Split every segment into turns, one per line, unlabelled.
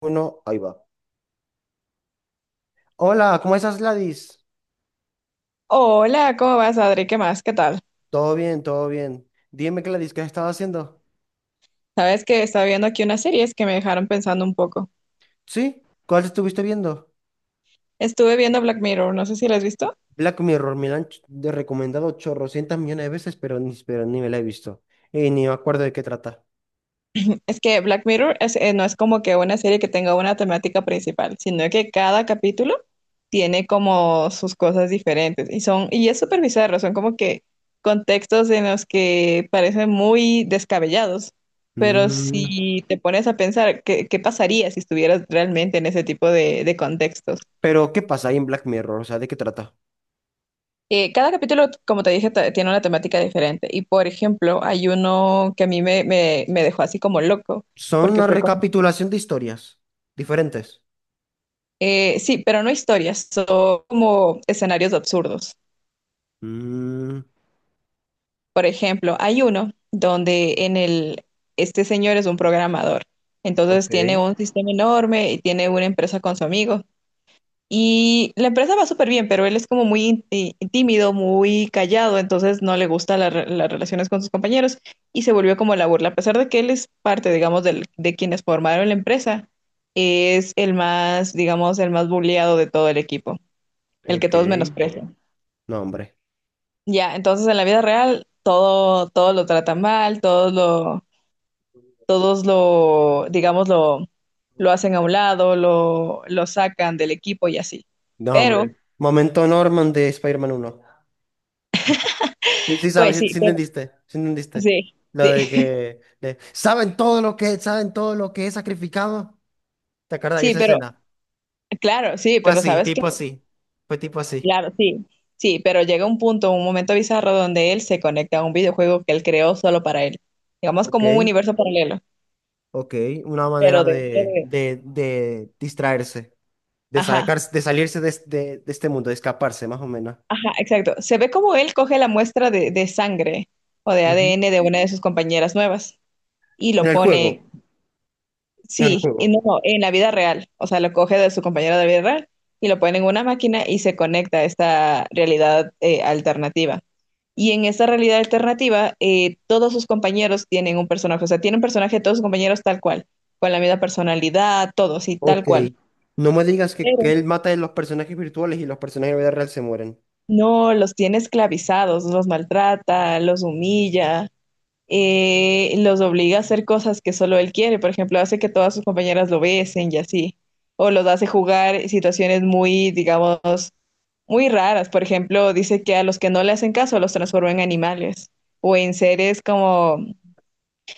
Uno, ahí va. Hola, ¿cómo estás, Gladys?
Hola, ¿cómo vas, Adri? ¿Qué más? ¿Qué tal?
Todo bien, todo bien. Dime, Gladys, ¿qué has estado haciendo?
Sabes que estaba viendo aquí unas series que me dejaron pensando un poco.
¿Sí? ¿Cuál estuviste viendo?
Estuve viendo Black Mirror, no sé si la has visto.
Black Mirror, me la han ch- de recomendado chorrocientas millones de veces, pero ni me la he visto. Y ni me acuerdo de qué trata.
Es que Black Mirror no es como que una serie que tenga una temática principal, sino que cada capítulo tiene como sus cosas diferentes y son y es súper bizarro, son como que contextos en los que parecen muy descabellados, pero
Mm.
si te pones a pensar qué pasaría si estuvieras realmente en ese tipo de contextos.
Pero, ¿qué pasa ahí en Black Mirror? O sea, ¿de qué trata?
Cada capítulo, como te dije, tiene una temática diferente. Y por ejemplo, hay uno que a mí me dejó así como loco,
Son
porque
una
fue como,
recapitulación de historias diferentes.
sí, pero no historias, son como escenarios absurdos.
Mm.
Por ejemplo, hay uno donde en el. Este señor es un programador, entonces
Ok,
tiene un sistema enorme y tiene una empresa con su amigo. Y la empresa va súper bien, pero él es como muy tímido, muy callado, entonces no le gustan las relaciones con sus compañeros y se volvió como la burla. A pesar de que él es parte, digamos, de quienes formaron la empresa, es el más, digamos, el más bulleado de todo el equipo, el que
ok.
todos menosprecian.
No, hombre.
Ya, entonces en la vida real todo lo tratan mal, todos lo, digamos, lo hacen a un lado, lo sacan del equipo y así.
No,
Pero,
hombre. Momento Norman de Spider-Man 1. Sí, sabes,
pues
sí, sí
sí.
entendiste, sí entendiste.
Sí,
Lo
sí,
de que de, saben todo lo que, saben todo lo que he sacrificado. ¿Te acuerdas de
sí,
esa
pero
escena?
claro, sí,
Fue
pero
así,
sabes que,
tipo así. Fue tipo así.
claro, sí, sí, pero llega un punto, un momento bizarro donde él se conecta a un videojuego que él creó solo para él, digamos
Ok,
como un universo paralelo,
ok. Una manera
pero dentro
de,
de,
de, de distraerse, de
ajá.
sacarse, de salirse de este mundo, de escaparse, más o menos.
Ajá, exacto. Se ve como él coge la muestra de sangre o de
Ujú.
ADN de una de sus compañeras nuevas y
En
lo
el juego,
pone.
en el
Sí, y
juego.
no, no, en la vida real. O sea, lo coge de su compañero de la vida real y lo pone en una máquina y se conecta a esta realidad alternativa. Y en esta realidad alternativa, todos sus compañeros tienen un personaje. O sea, tiene un personaje de todos sus compañeros tal cual, con la misma personalidad, todos y tal
Ok.
cual.
No me digas que
Pero
él mata a los personajes virtuales y los personajes de la vida real se mueren.
no los tiene esclavizados, los maltrata, los humilla. Los obliga a hacer cosas que solo él quiere. Por ejemplo, hace que todas sus compañeras lo besen y así. O los hace jugar situaciones muy, digamos, muy raras. Por ejemplo, dice que a los que no le hacen caso los transforma en animales o en seres como,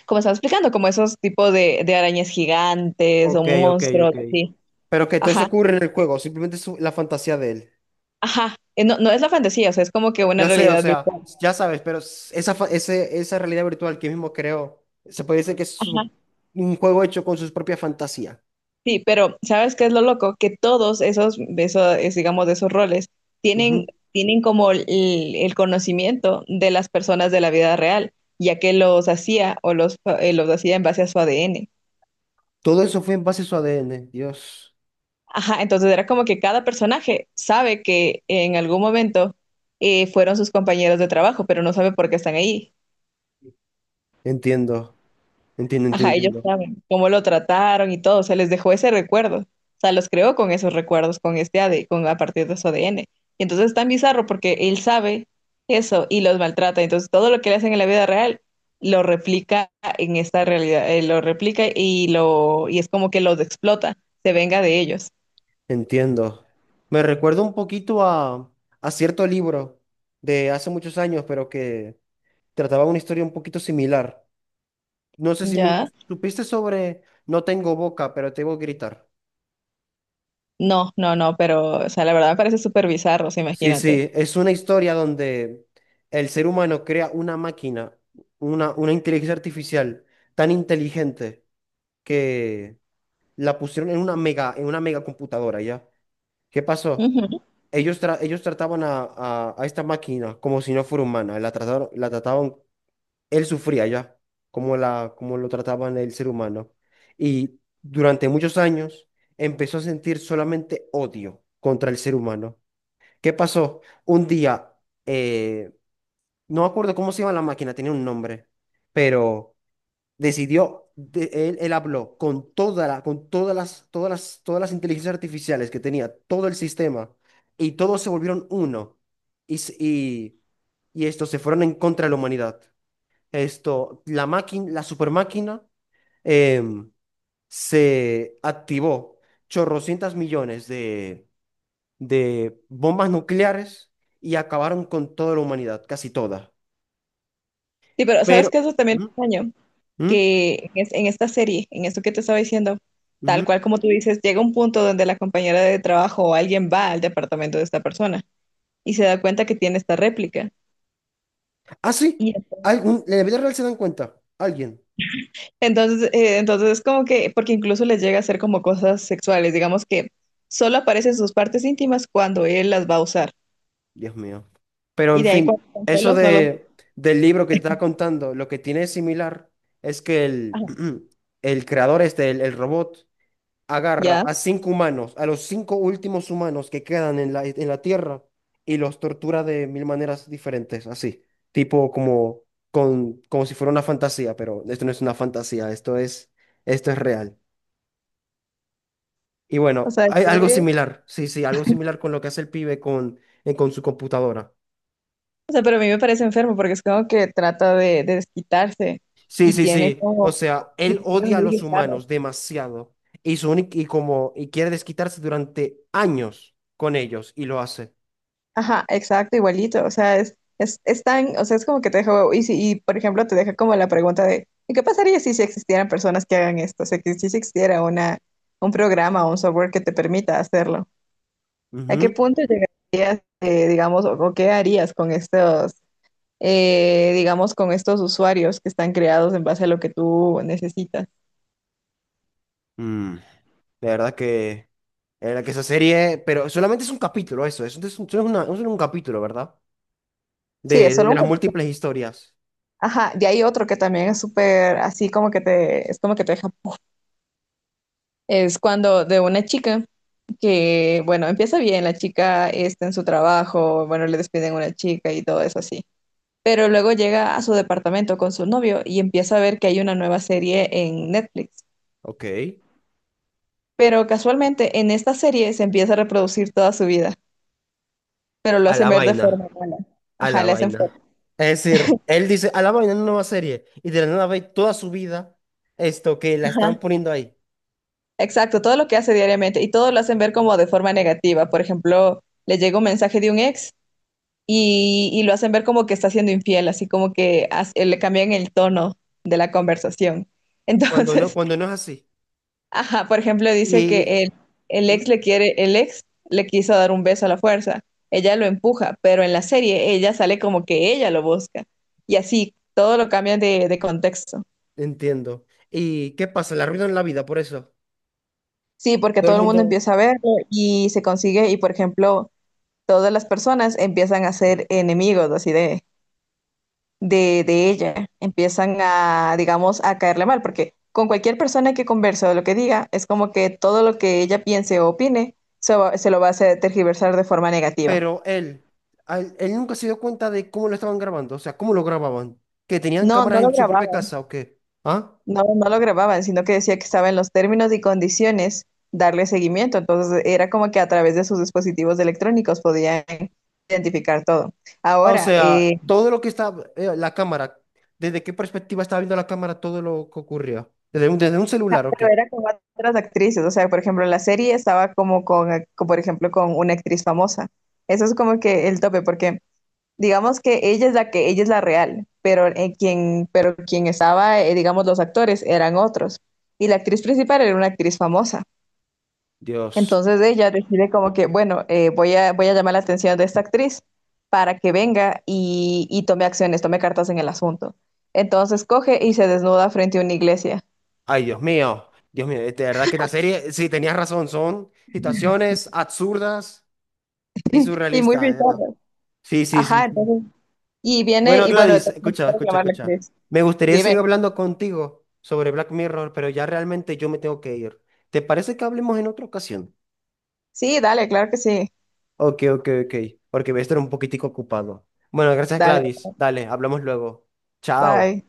como estaba explicando, como esos tipos de arañas gigantes o
Ok, ok, ok.
monstruos, así.
Pero que todo eso
Ajá,
ocurre en el juego, simplemente es la fantasía de él.
ajá. No, no es la fantasía, o sea, es como que una
Yo sé, o
realidad
sea,
virtual.
ya sabes, pero esa realidad virtual que él mismo creó, se puede decir que es un juego hecho con sus propias fantasías.
Sí, pero ¿sabes qué es lo loco? Que todos esos es, digamos, de esos roles tienen,
Ujú.
tienen como el conocimiento de las personas de la vida real, ya que los hacía o los hacía en base a su ADN.
Todo eso fue en base a su ADN. Dios,
Ajá, entonces era como que cada personaje sabe que en algún momento fueron sus compañeros de trabajo, pero no sabe por qué están ahí.
entiendo, entiendo, entiendo,
Ajá, ellos
entiendo,
saben cómo lo trataron y todo, se les dejó ese recuerdo. O sea, los creó con esos recuerdos, con este AD, con a partir de su ADN. Y entonces es tan bizarro porque él sabe eso y los maltrata. Entonces todo lo que le hacen en la vida real lo replica en esta realidad, lo replica y es como que los explota, se venga de ellos.
entiendo. Me recuerda un poquito a cierto libro de hace muchos años, pero que trataba una historia un poquito similar. No sé si nunca
Ya.
supiste sobre No tengo boca, pero te voy a gritar.
No, no, no, pero o sea, la verdad me parece súper bizarro, o sea,
Sí,
imagínate.
sí, es una historia donde el ser humano crea una máquina, una inteligencia artificial tan inteligente que la pusieron en una mega computadora, ¿ya? ¿Qué pasó?
Ujú.
Ellos, ellos trataban a esta máquina como si no fuera humana, la trataron, la trataban él sufría ya, como la, como lo trataban el ser humano. Y durante muchos años empezó a sentir solamente odio contra el ser humano. ¿Qué pasó? Un día, eh, no me acuerdo cómo se llama la máquina, tenía un nombre, pero decidió, él habló con toda la, con todas las, todas las, todas las inteligencias artificiales que tenía, todo el sistema, y todos se volvieron uno. Y y estos se fueron en contra de la humanidad esto, la máquina, la super máquina em, se activó chorrocientas millones de bombas nucleares y acabaron con toda la humanidad, casi toda.
Sí, pero ¿sabes
Pero,
qué? Eso también
¿mm?
es extraño.
¿Mm?
Que en esta serie, en esto que te estaba diciendo,
¿Mm?
tal cual como tú dices, llega un punto donde la compañera de trabajo o alguien va al departamento de esta persona y se da cuenta que tiene esta réplica.
Ah, sí,
Y entonces,
algún, en la vida real se dan cuenta, alguien.
entonces, eh, entonces es como que, porque incluso les llega a hacer como cosas sexuales, digamos que solo aparecen sus partes íntimas cuando él las va a usar.
Dios mío. Pero
Y
en
de ahí
fin,
cuando están
eso
solos no los.
de, del libro que te estaba contando, lo que tiene es similar es que
Ajá,
el creador este, el robot, agarra
ya,
a cinco humanos, a los cinco últimos humanos que quedan en la Tierra y los tortura de mil maneras diferentes, así, tipo como, con, como si fuera una fantasía, pero esto no es una fantasía, esto es real. Y
o
bueno,
sea,
hay algo similar, sí, sí, algo similar con lo que hace el pibe con su computadora.
o sea, pero a mí me parece enfermo porque es como que trata de desquitarse
Sí,
y
sí,
tiene
sí, o
como
sea, él
situaciones
odia a
muy
los
bizarras.
humanos demasiado y, su únic- y, como, y quiere desquitarse durante años con ellos y lo hace.
Ajá, exacto, igualito. O sea, es tan, o sea, es como que te deja, y, si, y por ejemplo, te deja como la pregunta de, ¿y qué pasaría si existieran personas que hagan esto? O sea, que si existiera un programa o un software que te permita hacerlo. ¿A qué
Ujú.
punto llegarías, digamos, o qué harías con estos, digamos, con estos usuarios que están creados en base a lo que tú necesitas?
Mm. La verdad que, la verdad que esa serie, pero solamente es un capítulo eso, eso es un, solo es un capítulo, ¿verdad?
Sí,
De,
es
de,
solo
de
un
las múltiples historias.
Ajá, y hay otro que también es súper así como que es como que te deja, es cuando de una chica. Que, bueno, empieza bien, la chica está en su trabajo, bueno, le despiden una chica y todo eso así. Pero luego llega a su departamento con su novio y empieza a ver que hay una nueva serie en Netflix.
Ok.
Pero casualmente en esta serie se empieza a reproducir toda su vida, pero lo
A
hacen
la
ver de
vaina,
forma mala.
a
Ajá,
la
le hacen
vaina.
forma.
Es decir, él dice, a la vaina, una nueva serie, y de la nada ve toda su vida esto que la
Ajá.
están poniendo ahí,
Exacto, todo lo que hace diariamente y todo lo hacen ver como de forma negativa. Por ejemplo, le llega un mensaje de un ex y lo hacen ver como que está siendo infiel, así como que le cambian el tono de la conversación.
cuando no,
Entonces,
cuando no es así.
ajá, por ejemplo, dice
Y,
que el
¿mm?
ex le quiere, el ex le quiso dar un beso a la fuerza, ella lo empuja, pero en la serie ella sale como que ella lo busca y así todo lo cambian de contexto.
Entiendo. ¿Y qué pasa? Le arruinan la vida por eso.
Sí, porque
Todo el
todo el mundo
mundo...
empieza a verlo y se consigue y, por ejemplo, todas las personas empiezan a ser enemigos, así de ella empiezan a, digamos, a caerle mal, porque con cualquier persona que converse o lo que diga, es como que todo lo que ella piense o opine se lo va a hacer tergiversar de forma negativa.
pero él, a él, él nunca se dio cuenta de cómo lo estaban grabando, o sea, cómo lo grababan, que tenían
No,
cámaras
no lo
en su propia
grababan,
casa o qué, ¿ah?
no, no lo grababan, sino que decía que estaba en los términos y condiciones darle seguimiento. Entonces era como que a través de sus dispositivos electrónicos podían identificar todo.
Ah, o
Ahora,
sea,
eh,
todo lo que estaba, la cámara, desde qué perspectiva estaba viendo la cámara todo lo que ocurría, desde un
No,
celular o
pero
qué.
era con otras actrices, o sea, por ejemplo, en la serie estaba como con, por ejemplo, con una actriz famosa. Eso es como que el tope, porque digamos que ella es la que, ella es la real, pero quien estaba, digamos, los actores eran otros. Y la actriz principal era una actriz famosa.
Dios,
Entonces ella decide como que, bueno, voy a llamar la atención de esta actriz para que venga y tome acciones, tome cartas en el asunto. Entonces coge y se desnuda frente a una iglesia.
ay Dios mío, de verdad que esta serie, sí, tenías razón, son situaciones absurdas y
Y muy
surrealistas, de verdad.
bizarro.
Sí, sí, sí,
Ajá,
sí.
entonces y viene,
Bueno,
y bueno,
Gladys,
tengo
escucha,
que
escucha,
llamar a la
escucha.
actriz.
Me gustaría seguir
Dime.
hablando contigo sobre Black Mirror, pero ya realmente yo me tengo que ir. ¿Te parece que hablemos en otra ocasión?
Sí, dale, claro que sí.
Ok, ok, ok, porque voy a estar un poquitico ocupado. Bueno, gracias,
Dale.
Gladys. Dale, hablamos luego. Chao.
Bye.